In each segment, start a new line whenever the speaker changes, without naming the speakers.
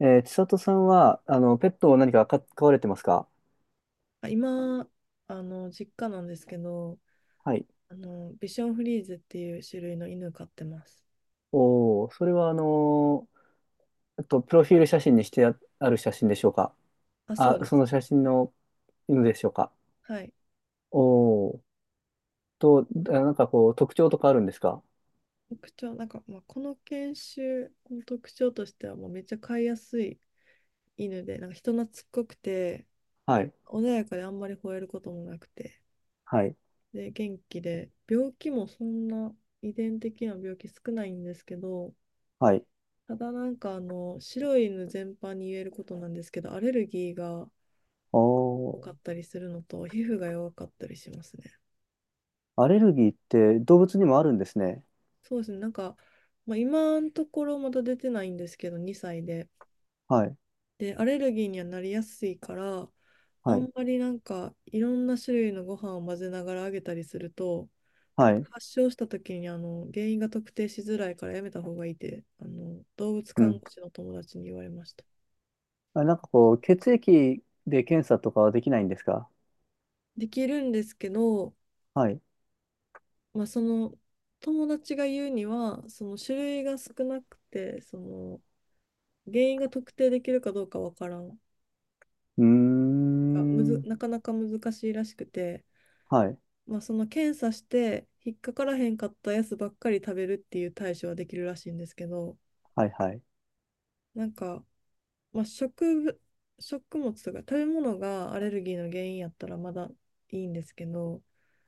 千里さんは、ペットを何か飼われてますか？
今、実家なんですけど、
はい。
ビションフリーゼっていう種類の犬飼ってます。
おー、それはプロフィール写真にしてある写真でしょうか？
あ、そ
あ、
うで
そ
す。
の写真の犬でしょうか？
はい。
おー。なんかこう、特徴とかあるんですか？
特徴、この犬種の特徴としては、もうめっちゃ飼いやすい犬で、人懐っこくて、
はい、
穏やかであんまり吠えることもなくて、
はい、
で、元気で、病気もそんな遺伝的な病気少ないんですけど、
はい。
ただ白い犬全般に言えることなんですけど、アレルギーが
お
多
ー、
かったりするのと、皮膚が弱かったりしますね。
アレルギーって動物にもあるんですね。
そうですね、今のところまだ出てないんですけど、2歳で。
はい、
で、アレルギーにはなりやすいから、あ
はい、
んまりいろんな種類のご飯を混ぜながらあげたりすると、
はい。
発症した時に原因が特定しづらいからやめた方がいいって動物
う
看護
ん。
師の友達に言われました。
あ、なんかこう、血液で検査とかはできないんですか？
できるんですけど、
はい。
その友達が言うにはその種類が少なくてその原因が特定できるかどうかわからん。なん
うー
かむず、
ん。
なかなか難しいらしくて、
はい、
その検査して引っかからへんかったやつばっかり食べるっていう対処はできるらしいんですけど、
はい、はい、
なんか、まあ、食物、食物とか食べ物がアレルギーの原因やったらまだいいんですけど、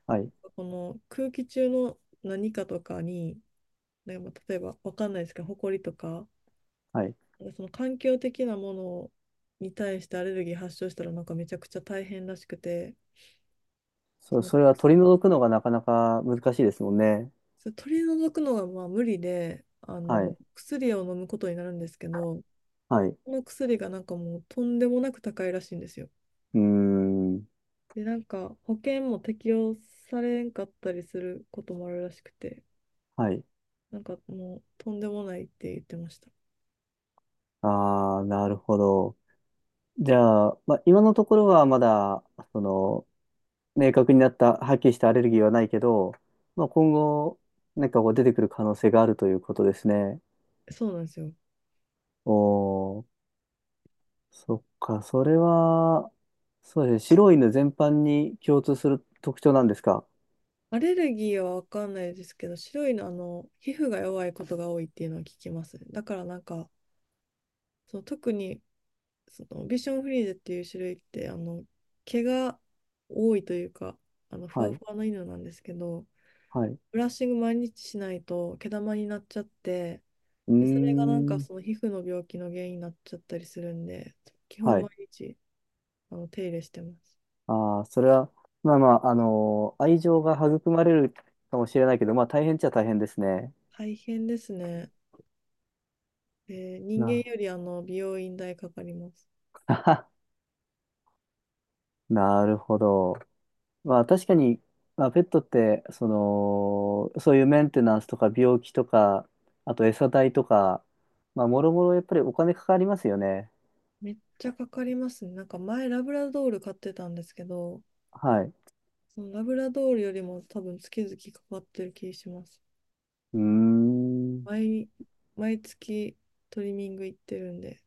はい。
この空気中の何かとかに、例えばわかんないですけど、埃とか、
はい。
その環境的なものに対してアレルギー発症したらめちゃくちゃ大変らしくて、そ
そう、
の
それは取り除くのがなかなか難しいですもんね。
そう取り除くのが無理で、
はい。
薬を飲むことになるんですけど、
はい。う
この薬がもうとんでもなく高いらしいんですよ。
ーん。
で、保険も適用されんかったりすることもあるらしくて、
はい。
もうとんでもないって言ってました。
ああ、なるほど。じゃあ、まあ、今のところはまだ、その、明確になった、はっきりしたアレルギーはないけど、まあ、今後、なんかこう出てくる可能性があるということですね。
そうなんですよ。
おー、そっか、それは、そうですね。白い犬全般に共通する特徴なんですか。
アレルギーはわかんないですけど、白いの、皮膚が弱いことが多いっていうのは聞きます。だからその特にそのビションフリーゼっていう種類って毛が多いというか、ふ
は
わ
い。
ふわな犬なんですけど、
はい。う
ブラッシング毎日しないと毛玉になっちゃって、
ー
でそれが
ん。
その皮膚の病気の原因になっちゃったりするんで、基本
は
毎
い。
日手入れしてます。
ああ、それは、まあまあ、愛情が育まれるかもしれないけど、まあ大変っちゃ大変ですね。
大変ですね、で人間
な、
より美容院代かかります。
なるほど。まあ確かに、まあ、ペットって、その、そういうメンテナンスとか病気とか、あと餌代とか、まあもろもろやっぱりお金かかりますよね。
めっちゃかかりますね。前ラブラドール買ってたんですけど、
はい。
そのラブラドールよりも多分月々かかってる気します。
うーん。
毎、毎月トリミング行ってるんで。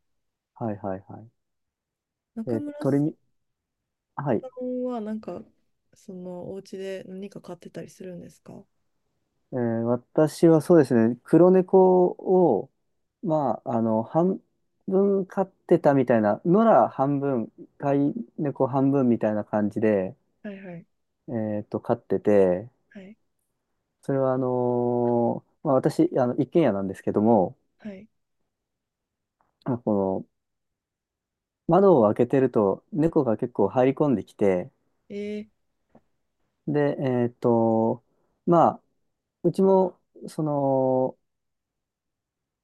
はいはいはい。
中
え、
村
鳥
さ
に、はい。
んはそのお家で何か買ってたりするんですか？は
私はそうですね、黒猫を、まあ、半分飼ってたみたいな、野良半分、飼い猫半分みたいな感じで、
い、はい、
飼ってて、
はい、
それはまあ、私、一軒家なんですけども、
はい、
まあこの、窓を開けてると、猫が結構入り込んできて、
え
で、まあ、うちも、その、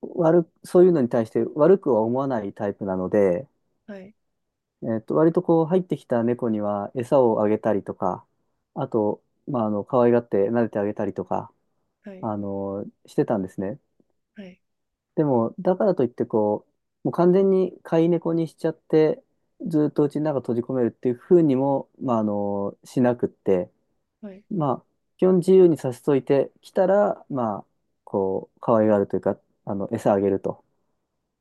そういうのに対して悪くは思わないタイプなので、
ー、はい、
割とこう入ってきた猫には餌をあげたりとか、あと、まあ、可愛がって撫でてあげたりとか、
はい、
してたんですね。
はい、
でも、だからといってこう、もう完全に飼い猫にしちゃって、ずっとうちの中閉じ込めるっていうふうにも、まあ、しなくって、
はい、
まあ、基本自由にさせといてきたら、まあ、こう、可愛がるというか、餌あげると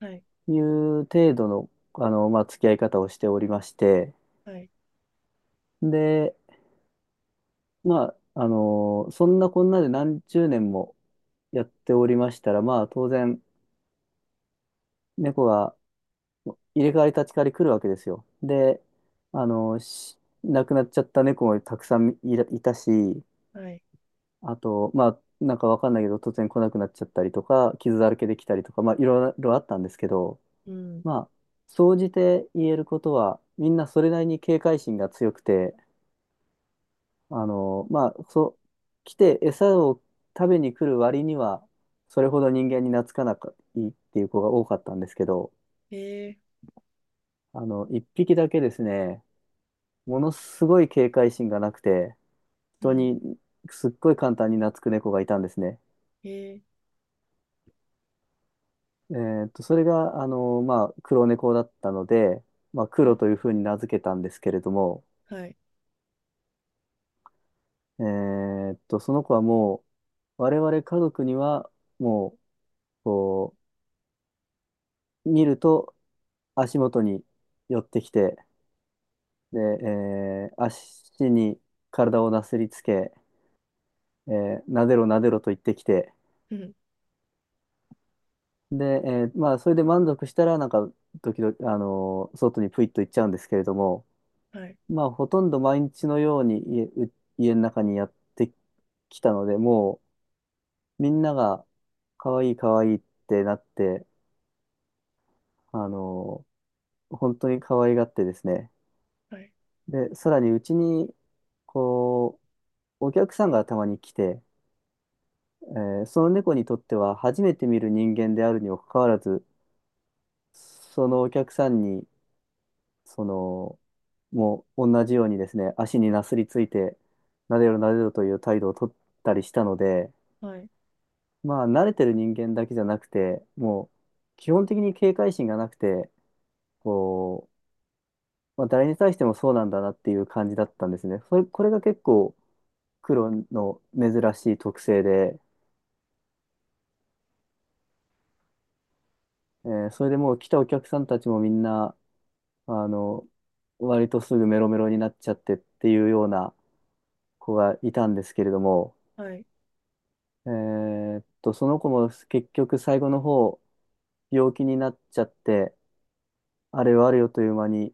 はい、
いう程度の、まあ、付き合い方をしておりまして、
はい、
で、まあ、そんなこんなで何十年もやっておりましたら、まあ、当然、猫が入れ替わり立ち替わり来るわけですよ。で、亡くなっちゃった猫もたくさんいたし、
はい、
あと、まあ、なんかわかんないけど、突然来なくなっちゃったりとか、傷だらけできたりとか、まあ、いろいろあったんですけど、
うん、
まあ、総じて言えることは、みんなそれなりに警戒心が強くて、まあ、そう、来て餌を食べに来る割には、それほど人間に懐かなくいいっていう子が多かったんですけど、
え
一匹だけですね、ものすごい警戒心がなくて、
ー、う
人
ん、
にすっごい簡単に懐く猫がいたんですね。
えー、
それが、まあ、黒猫だったので、まあ、
う
黒
ん、
というふうに名付けたんですけれども、
はい、
その子はもう、我々家族には、もう、こう、見ると、足元に寄ってきて、で、足に体をなすりつけ、なでろなでろと言ってきて、
うん、
で、まあ、それで満足したら、なんか、時々、外にプイッと行っちゃうんですけれども、
はい、
まあ、ほとんど毎日のように家の中にやってきたので、もう、みんなが、可愛い可愛いってなって、あの本当に可愛がってですね、
はい、
で、さらにうちに、こう、お客さんがたまに来て、その猫にとっては初めて見る人間であるにもかかわらず、そのお客さんに、その、もう同じようにですね、足になすりついて、なでろなでろという態度をとったりしたので、
はい、
まあ、慣れてる人間だけじゃなくて、もう、基本的に警戒心がなくて、こう、まあ、誰に対してもそうなんだなっていう感じだったんですね。これが結構、黒の珍しい特性で、それでもう来たお客さんたちもみんな、あの、割とすぐメロメロになっちゃってっていうような子がいたんですけれども、
はい、
その子も結局最後の方、病気になっちゃって、あれはあれよという間に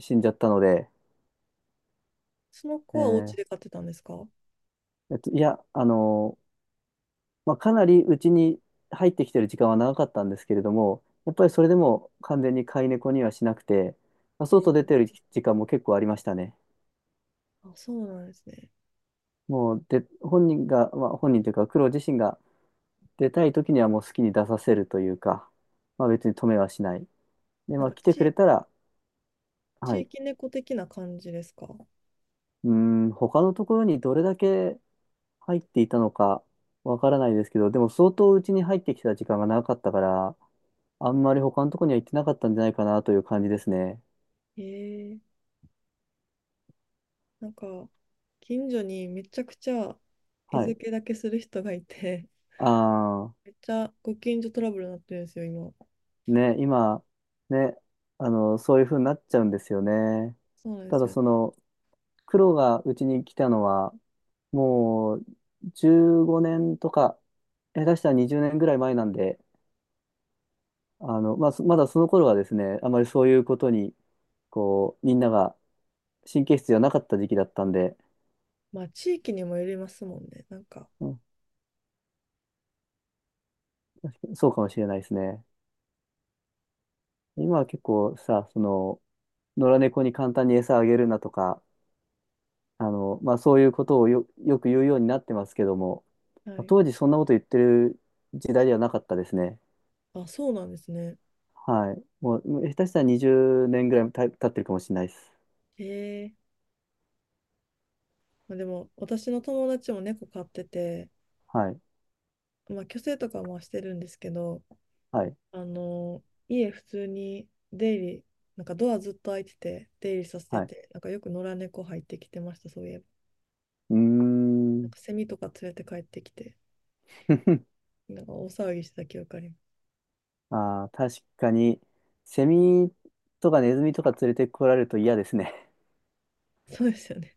死んじゃったので、
その
え
子はお家
ー
で買ってたんですか？
いや、まあ、かなりうちに入ってきてる時間は長かったんですけれども、やっぱりそれでも完全に飼い猫にはしなくて、まあ、
え
外
ー、
出てる時間も結構ありましたね。
あ、そうなんですね。
もう、で、本人が、まあ、本人というか、黒自身が出たい時にはもう好きに出させるというか、まあ別に止めはしない。で、
な
ま
ん
あ
か
来てくれ
ち、
たら、は
地
い。
域猫的な感じですか？
うーん、他のところにどれだけ入っていたのかわからないですけど、でも相当うちに入ってきた時間が長かったから、あんまり他のところには行ってなかったんじゃないかなという感じですね。
えー、なんか、近所にめちゃくちゃ
は
餌
い。
付けだけする人がいて、
ああ、
めっちゃご近所トラブルになってるんですよ、今。
ね、今、ね、そういう風になっちゃうんですよね。
そうなんで
た
す
だ
よね。
その、黒がうちに来たのは、もう15年とか、下手したら20年ぐらい前なんで、まあ、まだその頃はですね、あまりそういうことに、こう、みんなが神経質じゃなかった時期だったんで、
まあ、地域にもよりますもんね。
うん、そうかもしれないですね。今は結構さ、その、野良猫に簡単に餌あげるなとか、まあ、そういうことをよく言うようになってますけども、
は
まあ、
い。
当時そんなこと言ってる時代ではなかったですね。
あ、そうなんですね。
はい。もう、下手したら20年ぐらい経ってるかもしれないです。
へえ。まあ、でも、私の友達も猫飼ってて、
はい。
まあ、去勢とかもしてるんですけど、
はい。
あの、家普通に出入り、ドアずっと開いてて、出入りさせて
はい。
て、よく野良猫入ってきてました、そういえば。
うーん。
セミとか連れて帰ってきて。大騒ぎしてた記憶ありま
ああ、確かに、セミとかネズミとか連れてこられると嫌ですね。
す。そうですよね。